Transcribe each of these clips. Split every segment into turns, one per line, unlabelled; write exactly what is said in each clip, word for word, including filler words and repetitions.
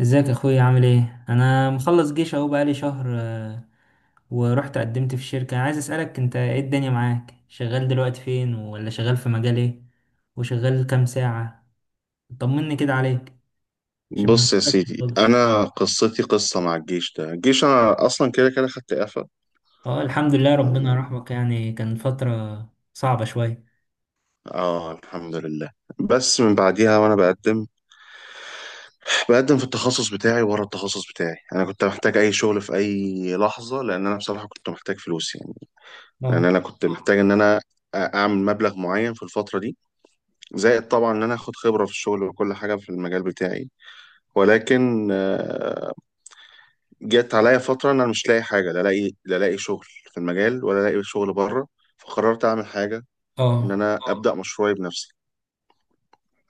ازيك يا اخويا عامل ايه؟ انا مخلص جيش اهو بقالي شهر آه، ورحت قدمت في الشركة. عايز اسألك انت ايه الدنيا معاك؟ شغال دلوقتي فين؟ ولا شغال في مجال ايه؟ وشغال كام ساعة؟ طمني كده عليك عشان ما
بص يا
بشوفكش
سيدي،
خالص.
انا قصتي قصه مع الجيش. ده الجيش انا اصلا كده كده خدت اعفاء.
اه الحمد لله، ربنا
تمام.
يرحمك، يعني كان فترة صعبة شوية.
اه الحمد لله. بس من بعديها وانا بقدم بقدم في التخصص بتاعي ورا التخصص بتاعي. انا كنت محتاج اي شغل في اي لحظه، لان انا بصراحه كنت محتاج فلوس يعني. لان
اه
انا كنت محتاج ان انا اعمل مبلغ معين في الفتره دي، زائد طبعا ان انا اخد خبره في الشغل وكل حاجه في المجال بتاعي. ولكن آه، جت عليا فترة إن أنا مش لاقي حاجة، لا لاقي لا لاقي شغل في المجال، ولا لاقي شغل بره. فقررت أعمل حاجة، إن
اه.
أنا اه أبدأ مشروعي بنفسي.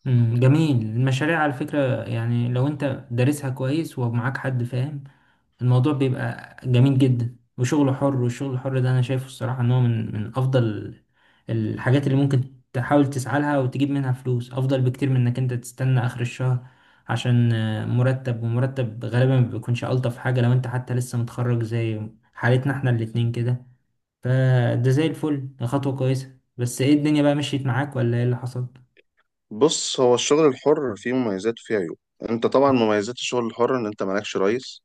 مم، جميل. المشاريع على فكرة يعني لو انت دارسها كويس ومعاك حد فاهم الموضوع بيبقى جميل جدا، وشغل حر، والشغل الحر ده انا شايفه الصراحة ان هو من من افضل الحاجات اللي ممكن تحاول تسعى لها وتجيب منها فلوس، افضل بكتير من انك انت تستنى اخر الشهر عشان آه، مرتب. ومرتب غالبا ما بيكونش الطف حاجة لو انت حتى لسه متخرج زي حالتنا احنا الاتنين كده. فده زي الفل، ده خطوة كويسة. بس ايه الدنيا بقى؟ مشيت معاك ولا ايه اللي حصل؟
بص، هو الشغل الحر فيه مميزات وفيه عيوب. أنت طبعا مميزات الشغل الحر إن أنت مالكش رئيس.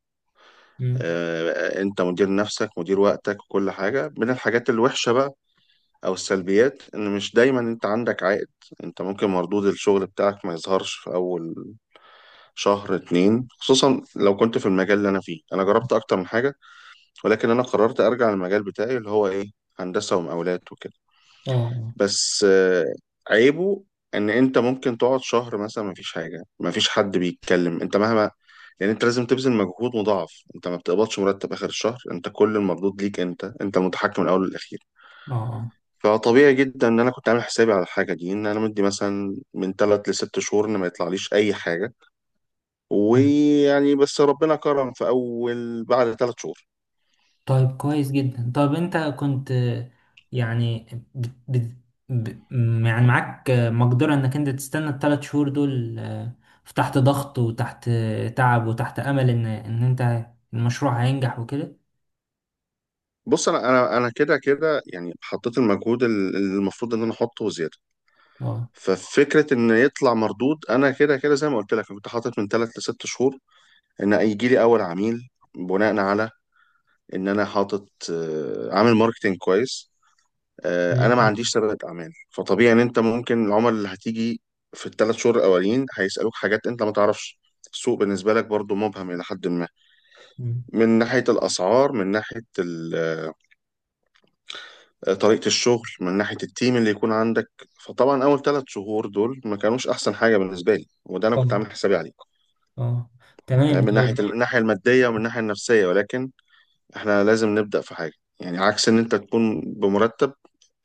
مم.
آه، أنت مدير نفسك مدير وقتك. وكل حاجة من الحاجات الوحشة بقى أو السلبيات، إن مش دايما أنت عندك عائد. أنت ممكن مردود الشغل بتاعك ما يظهرش في أول شهر اتنين، خصوصا لو كنت في المجال اللي أنا فيه. أنا جربت أكتر من حاجة، ولكن انا قررت ارجع للمجال بتاعي اللي هو ايه، هندسه ومقاولات وكده.
اه اه.
بس آه، عيبه ان انت ممكن تقعد شهر مثلا، مفيش حاجه مفيش حد بيتكلم. انت مهما يعني، انت لازم تبذل مجهود مضاعف. انت ما بتقبضش مرتب اخر الشهر، انت كل المردود ليك، انت انت المتحكم من الاول والاخير.
آه. آه.
فطبيعي جدا ان انا كنت عامل حسابي على الحاجه دي، ان انا مدي مثلا من ثلاث لست شهور ان ما يطلعليش اي حاجه.
مم.
ويعني بس ربنا كرم في اول بعد ثلاث شهور.
طيب كويس جدا. طب انت كنت آه، يعني بت... بت... ب... م- يعني معاك آه، مقدرة انك انت تستنى الثلاث شهور دول، آه، في تحت ضغط وتحت آه، تعب وتحت امل ان ان انت المشروع هينجح وكده؟
بص انا انا انا كده كده يعني حطيت المجهود ال- المفروض ان انا احطه وزياده.
اه.
ففكره ان يطلع مردود، انا كده كده زي ما قلت لك، أنا كنت حاطط من ثلاث لست شهور ان هيجي لي اول عميل، بناء على ان انا حاطط آه، عامل ماركتينج كويس.
زي
آه، انا ما
الفل.
عنديش سابقه اعمال، فطبيعي ان انت ممكن العملاء اللي هتيجي في الثلاث شهور الاولين هيسالوك حاجات انت ما تعرفش. السوق بالنسبه لك برضو مبهم الى حد ما،
مم.
من ناحيه الاسعار، من ناحيه طريقة الشغل، من ناحية التيم اللي يكون عندك. فطبعا أول ثلاث شهور دول ما كانوش أحسن حاجة بالنسبة لي، وده أنا
اه
كنت عامل حسابي عليه.
اه.
فاهم؟
تمام
من ناحية،
طيب.
من الناحية المادية ومن الناحية النفسية، ولكن إحنا لازم نبدأ في حاجة. يعني عكس إن أنت تكون بمرتب،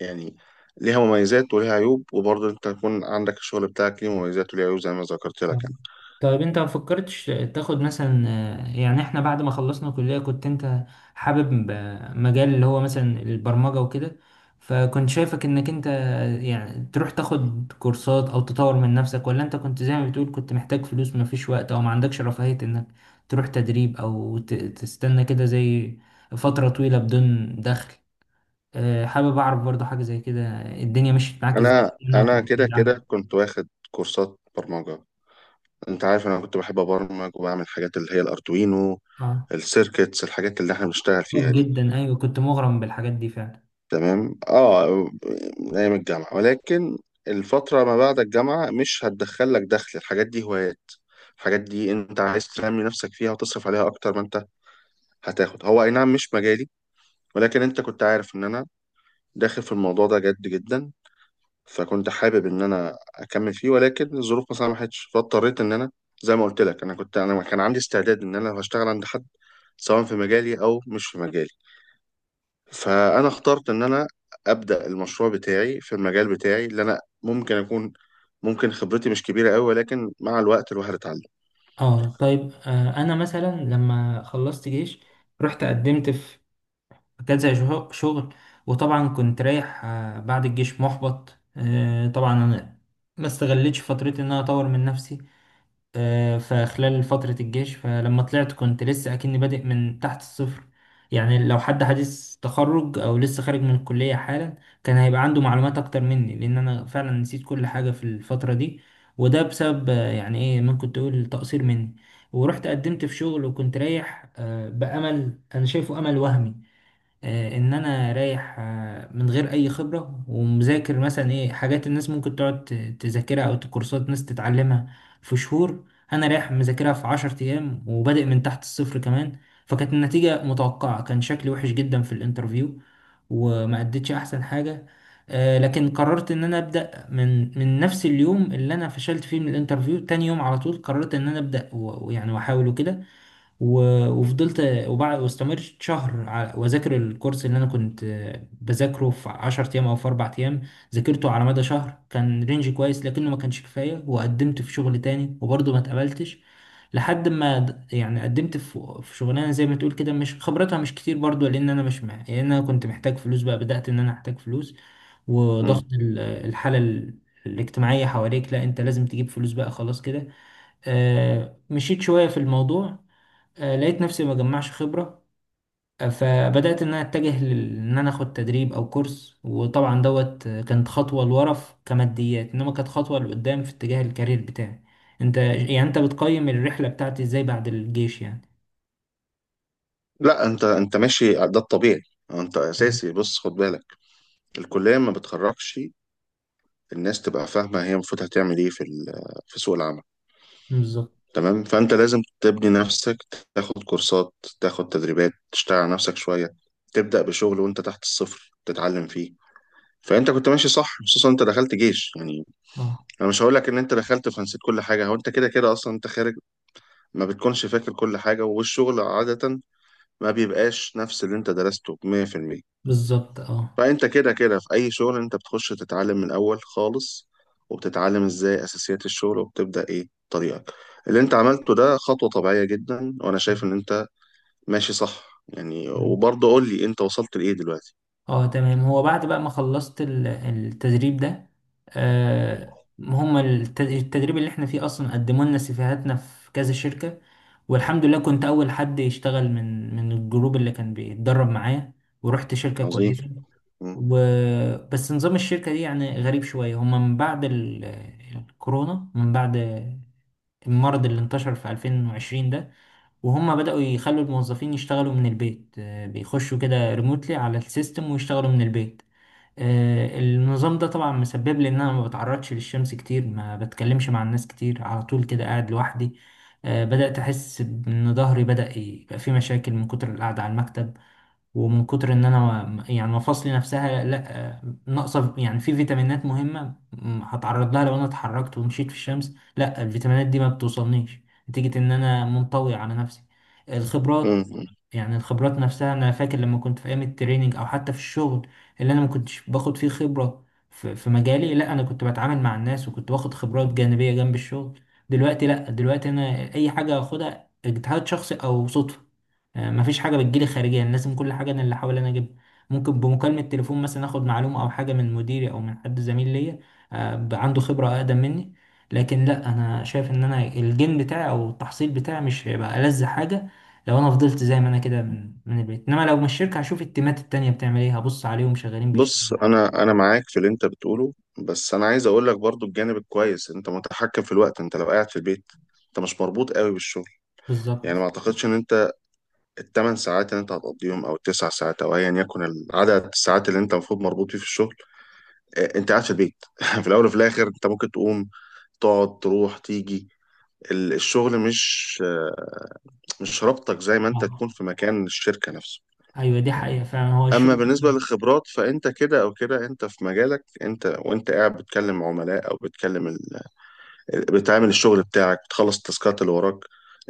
يعني ليها مميزات وليها عيوب، وبرضه أنت تكون عندك الشغل بتاعك ليه مميزات وليه عيوب زي ما ذكرت لك.
نعم. طيب انت ما فكرتش تاخد مثلا آه، يعني احنا بعد ما خلصنا كلية كنت انت حابب آه، مجال اللي هو مثلا البرمجة وكده، فكنت شايفك انك انت آه، يعني تروح تاخد كورسات او تطور من نفسك؟ ولا انت كنت زي ما بتقول كنت محتاج فلوس ما فيش وقت او ما عندكش رفاهية انك تروح تدريب او ت- تستنى كده زي فترة طويلة بدون دخل؟ آه، حابب اعرف برضو حاجة زي كده، الدنيا مشيت معاك
أنا
ازاي؟
أنا
انا
أنا
كنت
كده
بعيد عنها.
كده كنت واخد كورسات برمجة. أنت عارف أنا كنت بحب أبرمج وبعمل حاجات اللي هي الأردوينو،
اه.
السيركتس، الحاجات اللي إحنا بنشتغل
اه
فيها دي.
جدا، ايوه كنت مغرم بالحاجات دي فعلا.
تمام اه. من ايام الجامعه، ولكن الفتره ما بعد الجامعه مش هتدخل لك دخل، الحاجات دي هوايات. الحاجات دي انت عايز تنمي نفسك فيها وتصرف عليها اكتر ما انت هتاخد، هو اي نعم مش مجالي، ولكن انت كنت عارف ان انا داخل في الموضوع ده جد جدا. فكنت حابب ان انا اكمل فيه، ولكن الظروف ما سمحتش، فاضطريت ان انا، زي ما قلت لك، انا كنت انا كان عندي استعداد ان انا لو هشتغل عند حد، سواء في مجالي او مش في مجالي. فانا اخترت ان انا ابدا المشروع بتاعي في المجال بتاعي اللي انا ممكن اكون ممكن خبرتي مش كبيره قوي، ولكن مع الوقت الواحد اتعلم.
اه. طيب آه، انا مثلا لما خلصت جيش رحت قدمت في كذا شه- شغل. وطبعا كنت رايح آه بعد الجيش محبط آه، طبعا انا ما استغلتش فترتي ان انا اطور من نفسي آه، فخلال فترة الجيش. فلما طلعت كنت لسه أكني بادئ من تحت الصفر. يعني لو حد حديث تخرج أو لسه خارج من الكلية حالا كان هيبقى عنده معلومات أكتر مني، لأن أنا فعلا نسيت كل حاجة في الفترة دي. وده بسبب آه، يعني إيه ممكن تقول تقصير مني. ورحت قدمت في شغل وكنت رايح آه، بأمل، أنا شايفه أمل وهمي، آه، ان انا رايح آه، من غير اي خبره ومذاكر مثلا ايه حاجات الناس ممكن تقعد ت- تذاكرها او كورسات ناس تتعلمها في شهور، انا رايح مذاكرها في عشرة ايام وبادئ من تحت الصفر كمان. فكانت النتيجه متوقعه، كان شكلي وحش جدا في الانترفيو وما اديتش احسن حاجه. آه، لكن قررت ان انا ابدا من من نفس اليوم اللي انا فشلت فيه من الانترفيو. تاني يوم على طول قررت ان انا ابدا و- ويعني واحاول وكده، و- وفضلت وبعد واستمرت شهر ع- واذاكر الكورس اللي انا كنت آه، بذاكره في عشرة ايام او في اربع ايام، ذاكرته على مدى شهر. كان رينج كويس لكنه ما كانش كفايه. وقدمت في شغل تاني وبرضه ما اتقبلتش لحد ما د- يعني قدمت في في شغلانه زي ما تقول كده مش خبرتها مش كتير برضه، لان انا مش مع... لان انا كنت محتاج فلوس بقى، بدأت ان انا احتاج فلوس وضغط
مم.
ال- الحاله ال- الاجتماعيه حواليك، لا انت لازم تجيب فلوس بقى خلاص كده. آه، مشيت شويه في الموضوع، آه، لقيت نفسي ما جمعش خبرة. آه، فبدأت إن أنا أتجه لل- إن أنا أخد تدريب أو كورس، وطبعا دوت آه، كانت خطوة لورا في- كماديات، إنما كانت خطوة لقدام في اتجاه الكارير بتاعي. أنت يعني أنت بتقيم الرحلة بتاعتي إزاي بعد الجيش يعني؟
لا، انت انت ماشي ده الطبيعي. أه، انت
مم.
اساسي. بص خد بالك، الكليه ما بتخرجش الناس تبقى فاهمه هي المفروض هتعمل ايه في ال- في سوق العمل.
بالظبط
تمام، فانت لازم تبني نفسك، تاخد كورسات، تاخد تدريبات، تشتغل على نفسك شويه، تبدا بشغل وانت تحت الصفر تتعلم فيه. فانت كنت ماشي صح، خصوصا انت دخلت جيش يعني.
أه.
انا مش هقول لك ان انت دخلت فنسيت كل حاجه، هو انت كده كده اصلا انت خارج، ما بتكونش فاكر كل حاجه. والشغل عاده ما بيبقاش نفس اللي انت درسته مية في المية.
بالظبط أه.
فانت كده كده في اي شغل انت بتخش تتعلم من الاول خالص، وبتتعلم ازاي اساسيات الشغل، وبتبدا ايه طريقك. اللي انت عملته ده خطوه طبيعيه جدا، وانا شايف ان انت ماشي صح يعني. وبرضه قول لي انت وصلت لايه دلوقتي؟
اه تمام. هو بعد بقى ما خلصت ال- التدريب ده، آه هم الت- التدريب اللي احنا فيه اصلا قدموا لنا سيفيهاتنا في كذا شركة، والحمد لله كنت اول حد يشتغل من من الجروب اللي كان بيتدرب معايا، ورحت شركة
عظيم.
كويسة.
مم.
و... بس نظام الشركة دي يعني غريب شوية. هم من بعد ال... الكورونا، من بعد المرض اللي انتشر في ألفين وعشرين ده، وهم بدأوا يخلوا الموظفين يشتغلوا من البيت. آه، بيخشوا كده ريموتلي على السيستم ويشتغلوا من البيت. آه، النظام ده طبعا مسبب لي ان انا ما بتعرضش للشمس كتير، ما بتكلمش مع الناس كتير، على طول كده قاعد لوحدي. آه، بدأت احس ان ظهري بدأ يبقى فيه مشاكل من كتر القعدة على المكتب ومن كتر ان انا ما- يعني مفاصلي نفسها لا، ناقصه يعني في فيتامينات مهمه م- هتعرض لها لو انا اتحركت ومشيت في الشمس. لا، الفيتامينات دي ما بتوصلنيش نتيجه ان انا منطوي على نفسي. الخبرات،
مم.
يعني الخبرات نفسها، انا فاكر لما كنت في ايام التريننج او حتى في الشغل اللي انا ما كنتش باخد فيه خبره في في مجالي، لا انا كنت بتعامل مع الناس وكنت باخد خبرات جانبيه جنب الشغل. دلوقتي لا، دلوقتي انا اي حاجه اخدها اجتهاد شخصي او صدفه. آه، مفيش حاجه بتجيلي خارجيا، لازم كل حاجه انا اللي احاول انا اجيبها. ممكن بمكالمه تليفون مثلا اخد معلومه او حاجه من مديري او من حد زميل ليا آه، ب- عنده خبره اقدم مني. لكن لا، انا شايف ان انا الجين بتاعي او التحصيل بتاعي مش هيبقى ألذ حاجه لو انا فضلت زي ما انا كده من من البيت. انما لو من الشركه هشوف التيمات التانيه بتعمل ايه، هبص عليهم شغالين بيشتغلوا
بص
ازاي.
انا انا معاك في اللي انت بتقوله، بس انا عايز اقول لك برضو الجانب الكويس. انت متحكم في الوقت، انت لو قاعد في البيت، انت مش مربوط قوي بالشغل.
بالظبط.
يعني ما اعتقدش ان انت الثمان ساعات اللي انت هتقضيهم، او التسع ساعات، او ايا يكن العدد الساعات اللي انت المفروض مربوط فيه في الشغل، آه، انت قاعد في البيت في الاول وفي الاخر انت ممكن تقوم تقعد تروح تيجي. ال- الشغل مش آه، مش رابطك زي ما انت تكون
اه،
في مكان الشركة نفسه.
ايوه دي حقيقه فعلا هو
اما
الشغل.
بالنسبه للخبرات، فانت كده او كده انت في مجالك. انت وانت قاعد بتكلم عملاء او بتكلم ال... بتعمل الشغل بتاعك، بتخلص التاسكات اللي وراك،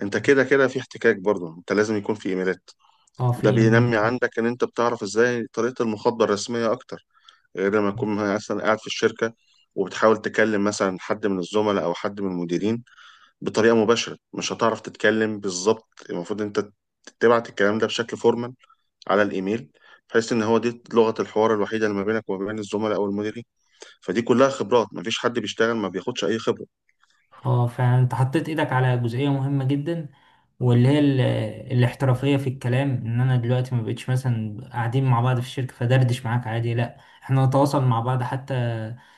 انت كده كده في احتكاك. برضه انت لازم يكون في ايميلات،
اه، في
ده
إيميلات.
بينمي عندك ان انت بتعرف ازاي طريقه المخاطبه الرسميه اكتر، غير لما تكون مثلا قاعد في الشركه، وبتحاول تكلم مثلا حد من الزملاء او حد من المديرين بطريقه مباشره، مش هتعرف تتكلم بالظبط. المفروض انت تبعت الكلام ده بشكل فورمال على الايميل، بحيث ان هو دي لغه الحوار الوحيده اللي ما بينك وما بين الزملاء او المديرين. فدي كلها خبرات، ما فيش حد بيشتغل ما بياخدش اي خبره.
اه، فانت حطيت ايدك على جزئية مهمة جدا، واللي هي ال- الاحترافية في الكلام، ان انا دلوقتي ما بقتش مثلا قاعدين مع بعض في الشركة فدردش معاك عادي، لا احنا نتواصل مع بعض حتى،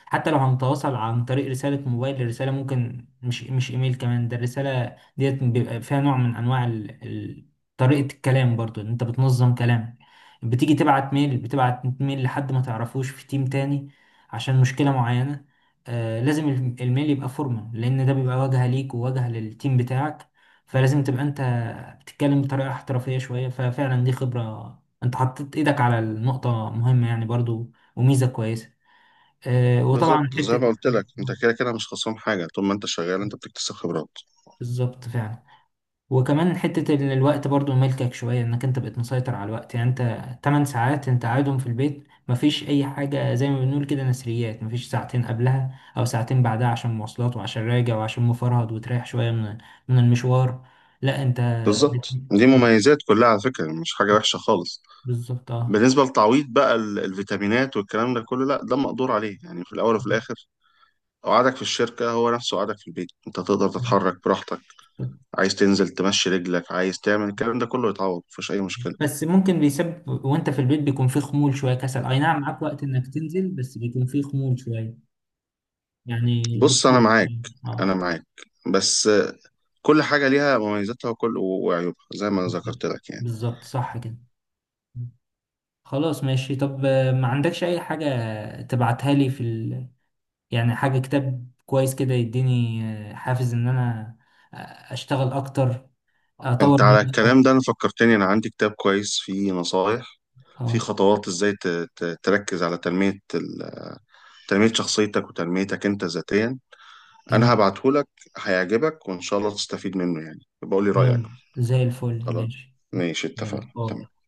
حتى لو هنتواصل عن طريق رسالة موبايل. الرسالة ممكن مش مش ايميل كمان، ده الرسالة ديت بيبقى فيها نوع من انواع ال... ال... طريقة الكلام، برضو إن انت بتنظم كلامك. بتيجي تبعت ميل بتبعت ميل لحد ما تعرفوش في تيم تاني عشان مشكلة معينة، آه، لازم الم- الميل يبقى فورمال لان ده بيبقى واجهه ليك وواجهه للتيم بتاعك، فلازم تبقى انت بتتكلم بطريقه احترافيه شويه. ففعلا دي خبره، انت حطيت ايدك على النقطه مهمه يعني، برضو وميزه كويسه. آه، وطبعا
بالظبط، زي ما
حته
قلت لك انت
آه،
كده كده مش خسران حاجه، طول ما انت شغال انت بتكتسب خبرات.
بالظبط فعلا. وكمان حتة ال- الوقت برضو ملكك شوية، انك انت بقيت مسيطر على الوقت، يعني انت تمن ساعات انت قاعدهم في البيت مفيش اي حاجة زي ما بنقول كده نسريات، مفيش ساعتين قبلها او ساعتين بعدها عشان مواصلات وعشان راجع وعشان مفرهد وتريح شوية من من المشوار. لا انت بت-
بالظبط، دي مميزات كلها على فكره، مش حاجه وحشه خالص.
بالظبط اه.
بالنسبه للتعويض بقى، ال- الفيتامينات والكلام ده كله، لا ده مقدور عليه يعني. في الاول وفي الاخر قعدك في الشركه هو نفسه قعدك في البيت، انت تقدر تتحرك براحتك. عايز تنزل تمشي رجلك، عايز تعمل الكلام ده كله يتعوض، مفيش اي مشكله.
بس ممكن بيسبب وانت في البيت بيكون فيه خمول شوية كسل، اي نعم معاك وقت انك تنزل بس بيكون فيه خمول شوية يعني
بص انا
بتخلص.
معاك،
اه آه،
انا معاك، بس كل حاجه ليها مميزاتها وكل وعيوبها زي ما ذكرت
بالظبط.
لك يعني.
بالظبط صح كده. خلاص ماشي. طب آه، ما عندكش اي حاجة تبعتها لي في ال... يعني حاجة كتاب كويس كده يديني آه، حافز ان انا آه، اشتغل اكتر، اه اطور
انت
من
على
نفسي أكتر.
الكلام ده انا فكرتني، انا عندي كتاب كويس فيه نصايح، في
اه
خطوات ازاي ت- ت- تركز على تنميه ال- تنميه شخصيتك وتنميتك انت ذاتيا. انا
جميل.
هبعته لك، هيعجبك، وان شاء الله تستفيد منه يعني، بقول لي
خلاص،
رايك.
زي الفل
خلاص
ماشي.
ماشي، اتفقنا
تمام. اه
تمام.